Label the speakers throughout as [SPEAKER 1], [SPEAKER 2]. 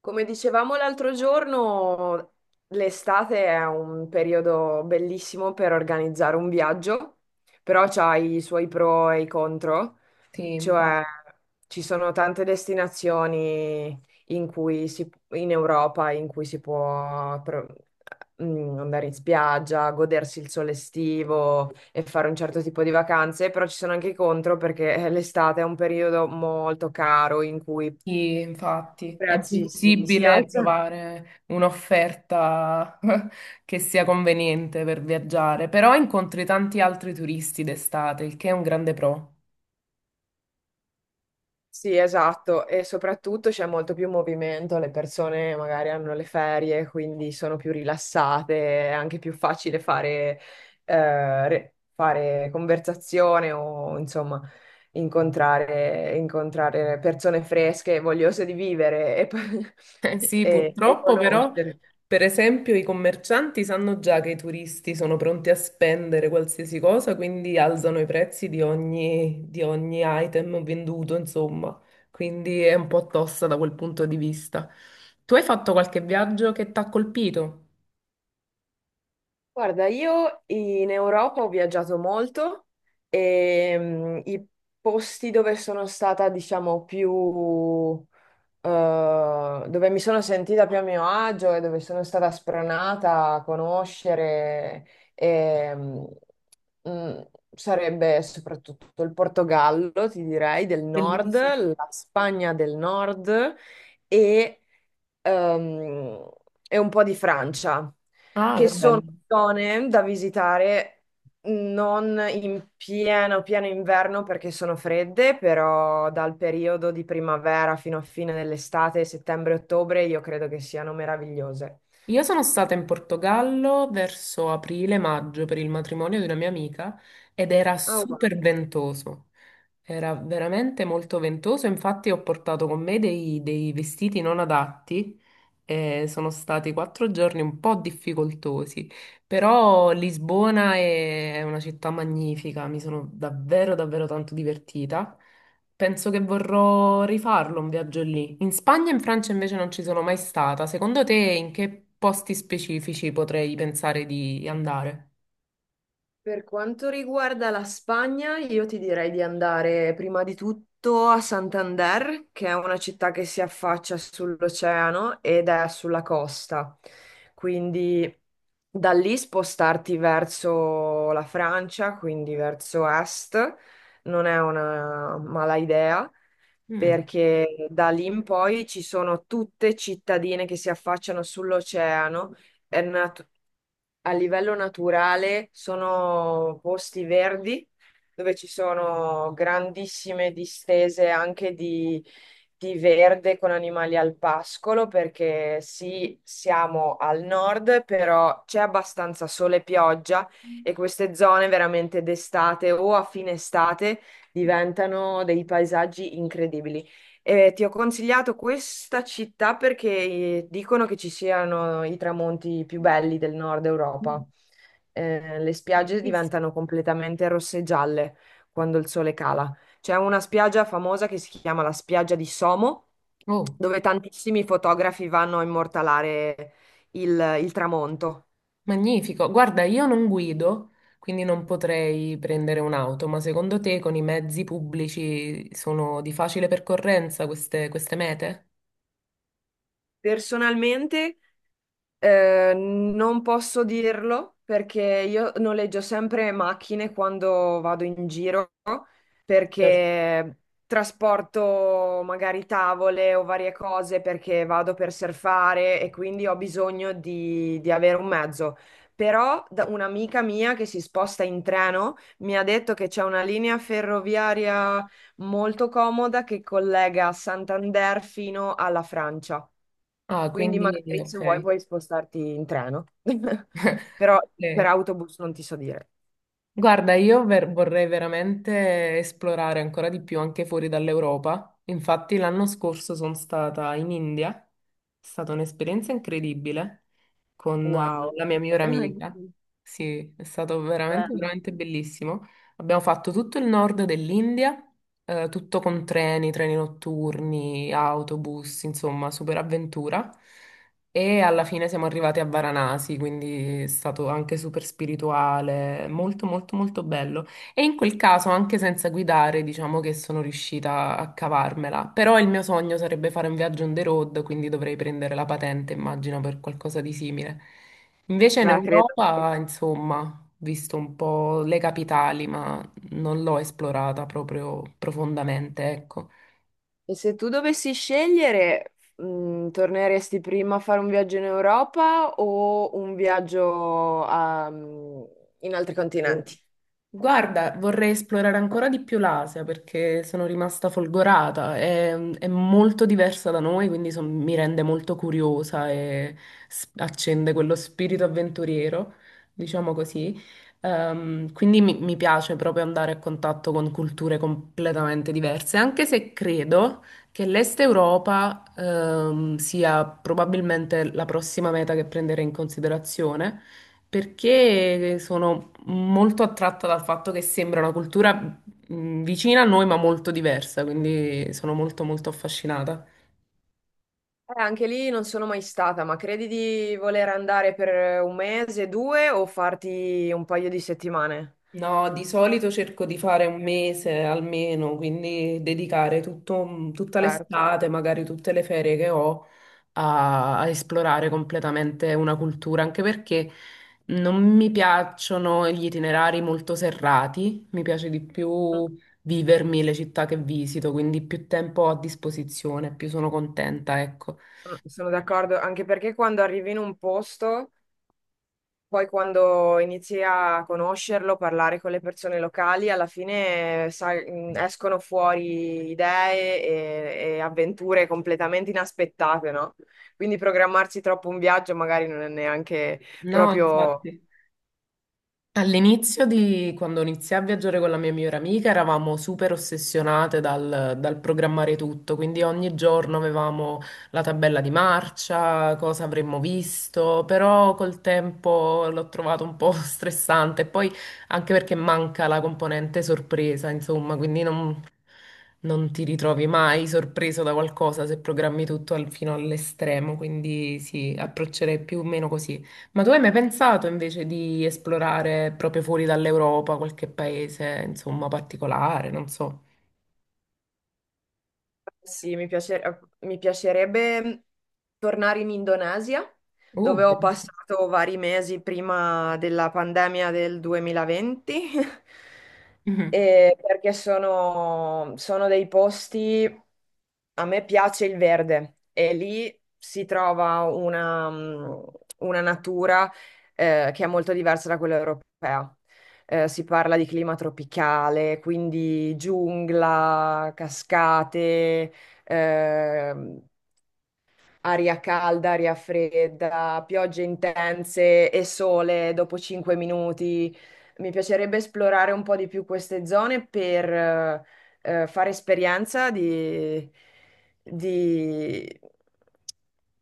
[SPEAKER 1] Come dicevamo l'altro giorno, l'estate è un periodo bellissimo per organizzare un viaggio, però c'ha i suoi pro e i contro,
[SPEAKER 2] Sì, infatti,
[SPEAKER 1] cioè ci sono tante destinazioni in Europa in cui si può andare in spiaggia, godersi il sole estivo e fare un certo tipo di vacanze, però ci sono anche i contro perché l'estate è un periodo molto caro in cui i
[SPEAKER 2] infatti è
[SPEAKER 1] prezzi si
[SPEAKER 2] possibile
[SPEAKER 1] alzano.
[SPEAKER 2] trovare un'offerta che sia conveniente per viaggiare, però incontri tanti altri turisti d'estate, il che è un grande pro.
[SPEAKER 1] Sì, esatto, e soprattutto c'è molto più movimento, le persone magari hanno le ferie, quindi sono più rilassate, è anche più facile fare, fare conversazione o insomma incontrare persone fresche, vogliose di vivere
[SPEAKER 2] Eh
[SPEAKER 1] e,
[SPEAKER 2] sì,
[SPEAKER 1] e
[SPEAKER 2] purtroppo però,
[SPEAKER 1] conoscere.
[SPEAKER 2] per esempio, i commercianti sanno già che i turisti sono pronti a spendere qualsiasi cosa, quindi alzano i prezzi di ogni item venduto, insomma. Quindi è un po' tosta da quel punto di vista. Tu hai fatto qualche viaggio che ti ha colpito?
[SPEAKER 1] Guarda, io in Europa ho viaggiato molto e i posti dove sono stata, diciamo, dove mi sono sentita più a mio agio e dove sono stata spronata a conoscere e, mm, mm, sarebbe soprattutto il Portogallo, ti direi, del nord,
[SPEAKER 2] Bellissimo.
[SPEAKER 1] la Spagna del nord e ehm, e un po' di Francia,
[SPEAKER 2] Ah, che
[SPEAKER 1] che
[SPEAKER 2] bello.
[SPEAKER 1] sono zone da visitare non in pieno inverno perché sono fredde, però dal periodo di primavera fino a fine dell'estate, settembre-ottobre, io credo che siano meravigliose.
[SPEAKER 2] Io sono stata in Portogallo verso aprile-maggio per il matrimonio di una mia amica ed era
[SPEAKER 1] Ah, wow.
[SPEAKER 2] super ventoso, era veramente molto ventoso, infatti ho portato con me dei vestiti non adatti e sono stati quattro giorni un po' difficoltosi, però Lisbona è una città magnifica, mi sono davvero davvero tanto divertita. Penso che vorrò rifarlo un viaggio lì. In Spagna e in Francia invece non ci sono mai stata. Secondo te in che posti specifici potrei pensare di andare?
[SPEAKER 1] Per quanto riguarda la Spagna, io ti direi di andare prima di tutto a Santander, che è una città che si affaccia sull'oceano ed è sulla costa. Quindi da lì spostarti verso la Francia, quindi verso est, non è una mala idea
[SPEAKER 2] Mm.
[SPEAKER 1] perché da lì in poi ci sono tutte cittadine che si affacciano sull'oceano è nat- a livello naturale sono posti verdi dove ci sono grandissime distese anche di verde con animali al pascolo, perché sì, siamo al nord, però c'è abbastanza sole e pioggia e queste zone veramente d'estate o a fine estate diventano dei paesaggi incredibili. Ti ho consigliato questa città perché dicono che ci siano i tramonti più belli del nord
[SPEAKER 2] Mm.
[SPEAKER 1] Europa. Le spiagge
[SPEAKER 2] Bellissimo.
[SPEAKER 1] diventano completamente rosse e gialle quando il sole cala. C'è una spiaggia famosa che si chiama la spiaggia di Somo,
[SPEAKER 2] Oh,
[SPEAKER 1] dove tantissimi fotografi vanno a immortalare il tramonto.
[SPEAKER 2] magnifico. Guarda, io non guido, quindi non potrei prendere un'auto, ma secondo te con i mezzi pubblici sono di facile percorrenza queste mete?
[SPEAKER 1] Personalmente, non posso dirlo perché io noleggio sempre macchine quando vado in giro
[SPEAKER 2] Certo.
[SPEAKER 1] perché trasporto magari tavole o varie cose perché vado per surfare e quindi ho bisogno di avere un mezzo. Però un'amica mia che si sposta in treno mi ha detto che c'è una linea ferroviaria molto comoda che collega Santander fino alla Francia.
[SPEAKER 2] Ah,
[SPEAKER 1] Quindi
[SPEAKER 2] quindi
[SPEAKER 1] magari se vuoi
[SPEAKER 2] ok.
[SPEAKER 1] puoi spostarti in treno. Però per
[SPEAKER 2] Ok.
[SPEAKER 1] autobus non ti so dire.
[SPEAKER 2] Guarda, vorrei veramente esplorare ancora di più anche fuori dall'Europa. Infatti l'anno scorso sono stata in India, è stata un'esperienza incredibile con
[SPEAKER 1] Wow,
[SPEAKER 2] la mia migliore amica. Sì, è stato veramente,
[SPEAKER 1] bello.
[SPEAKER 2] veramente bellissimo. Abbiamo fatto tutto il nord dell'India, tutto con treni, treni notturni, autobus, insomma, super avventura. E alla fine siamo arrivati a Varanasi, quindi è stato anche super spirituale, molto, molto, molto bello. E in quel caso, anche senza guidare, diciamo che sono riuscita a cavarmela. Però il mio sogno sarebbe fare un viaggio on the road, quindi dovrei prendere la patente, immagino, per qualcosa di simile. Invece in
[SPEAKER 1] Ma credo che...
[SPEAKER 2] Europa, insomma, ho visto un po' le capitali, ma non l'ho esplorata proprio profondamente, ecco.
[SPEAKER 1] E se tu dovessi scegliere, torneresti prima a fare un viaggio in Europa o un in altri continenti?
[SPEAKER 2] Guarda, vorrei esplorare ancora di più l'Asia perché sono rimasta folgorata. È molto diversa da noi, quindi mi rende molto curiosa e accende quello spirito avventuriero, diciamo così. Quindi mi piace proprio andare a contatto con culture completamente diverse, anche se credo che l'Est Europa, sia probabilmente la prossima meta che prenderei in considerazione perché sono molto attratta dal fatto che sembra una cultura vicina a noi, ma molto diversa, quindi sono molto molto affascinata.
[SPEAKER 1] Anche lì non sono mai stata, ma credi di voler andare per un mese, due o farti un paio di settimane?
[SPEAKER 2] No, di solito cerco di fare un mese almeno, quindi dedicare tutta
[SPEAKER 1] Certo,
[SPEAKER 2] l'estate, magari tutte le ferie che ho, a esplorare completamente una cultura, anche perché non mi piacciono gli itinerari molto serrati, mi piace di
[SPEAKER 1] sono
[SPEAKER 2] più vivermi le città che visito, quindi più tempo ho a disposizione, più sono contenta, ecco.
[SPEAKER 1] sono d'accordo, anche perché quando arrivi in un posto poi quando inizi a conoscerlo, parlare con le persone locali, alla fine sai, escono fuori idee e avventure completamente inaspettate, no? Quindi programmarsi troppo un viaggio magari non è neanche
[SPEAKER 2] No,
[SPEAKER 1] proprio...
[SPEAKER 2] infatti. All'inizio di quando iniziai a viaggiare con la mia migliore amica eravamo super ossessionate dal programmare tutto, quindi ogni giorno avevamo la tabella di marcia, cosa avremmo visto, però col tempo l'ho trovato un po' stressante, poi anche perché manca la componente sorpresa, insomma, quindi non ti ritrovi mai sorpreso da qualcosa se programmi tutto fino all'estremo, quindi sì, approccerei più o meno così. Ma tu hai mai pensato invece di esplorare proprio fuori dall'Europa qualche paese, insomma, particolare, non so.
[SPEAKER 1] Sì, mi piacerebbe tornare in Indonesia, dove ho
[SPEAKER 2] Bellissimo.
[SPEAKER 1] passato vari mesi prima della pandemia del 2020,
[SPEAKER 2] Mhm.
[SPEAKER 1] e perché sono dei posti, a me piace il verde e lì si trova una, una natura che è molto diversa da quella europea. Si parla di clima tropicale, quindi giungla, cascate ehm, aria calda, aria fredda, piogge intense e sole dopo 5 minuti. Mi piacerebbe esplorare un po' di più queste zone per fare esperienza di-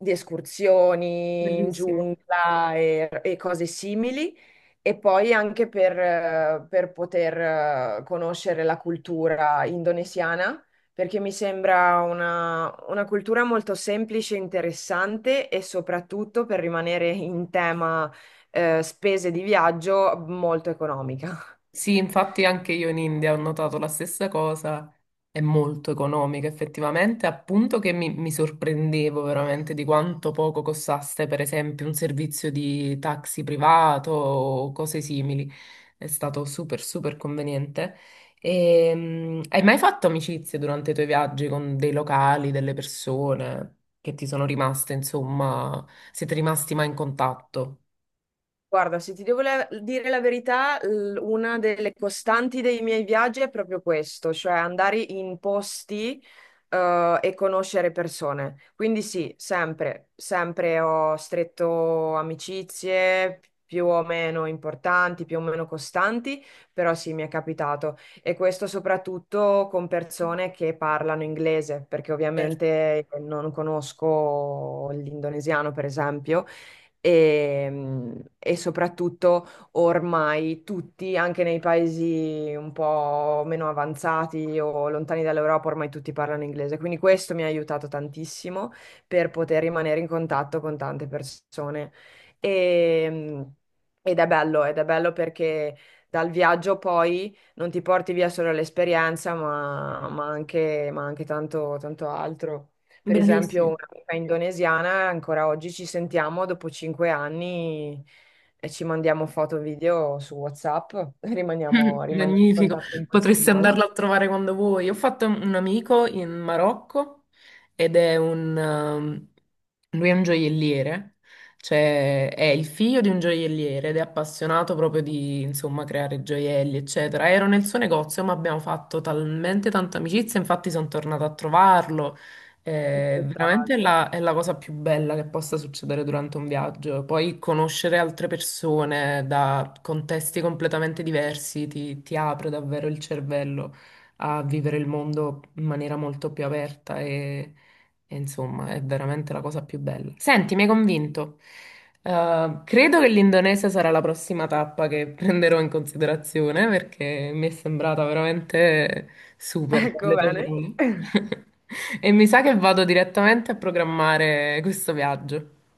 [SPEAKER 1] di escursioni in
[SPEAKER 2] Bellissimo.
[SPEAKER 1] giungla e cose simili e poi anche per poter conoscere la cultura indonesiana, perché mi sembra una cultura molto semplice, interessante e soprattutto per rimanere in tema spese di viaggio molto economica.
[SPEAKER 2] Sì, infatti anche io in India ho notato la stessa cosa, è molto economica effettivamente, appunto che mi sorprendevo veramente di quanto poco costasse per esempio un servizio di taxi privato o cose simili, è stato super super conveniente. E, hai mai fatto amicizie durante i tuoi viaggi con dei locali, delle persone che ti sono rimaste, insomma, siete rimasti mai in contatto?
[SPEAKER 1] Guarda, se ti devo dire la verità, una delle costanti dei miei viaggi è proprio questo, cioè andare in posti, e conoscere persone. Quindi sì, sempre ho stretto amicizie più o meno importanti, più o meno costanti, però sì, mi è capitato. E questo soprattutto con persone che parlano inglese, perché
[SPEAKER 2] Certo.
[SPEAKER 1] ovviamente non conosco l'indonesiano, per esempio e soprattutto ormai tutti, anche nei paesi un po' meno avanzati o lontani dall'Europa, ormai tutti parlano inglese. Quindi questo mi ha aiutato tantissimo per poter rimanere in contatto con tante persone. E- Ed è bello, ed è bello perché dal viaggio poi non ti porti via solo l'esperienza, ma anche tanto altro. Per esempio,
[SPEAKER 2] Bellissimo.
[SPEAKER 1] un'amica indonesiana, ancora oggi ci sentiamo dopo 5 anni e ci mandiamo foto e video su WhatsApp, rimaniamo in
[SPEAKER 2] Magnifico,
[SPEAKER 1] contatto in questo
[SPEAKER 2] potresti
[SPEAKER 1] modo.
[SPEAKER 2] andarla a trovare quando vuoi. Ho fatto un amico in Marocco ed è un, lui è un gioielliere, cioè è il figlio di un gioielliere ed è appassionato proprio di, insomma, creare gioielli, eccetera. Ero nel suo negozio, ma abbiamo fatto talmente tanta amicizia, infatti sono tornata a trovarlo. Veramente
[SPEAKER 1] Spettacolo.
[SPEAKER 2] è la cosa più bella che possa succedere durante un viaggio. Poi conoscere altre persone da contesti completamente diversi ti apre davvero il cervello a vivere il mondo in maniera molto più aperta e insomma è veramente la cosa più bella. Senti, mi hai convinto. Credo che l'Indonesia sarà la prossima tappa che prenderò in considerazione perché mi è sembrata veramente super,
[SPEAKER 1] Ecco
[SPEAKER 2] dalle tue
[SPEAKER 1] bene.
[SPEAKER 2] parole. E mi sa che vado direttamente a programmare questo viaggio.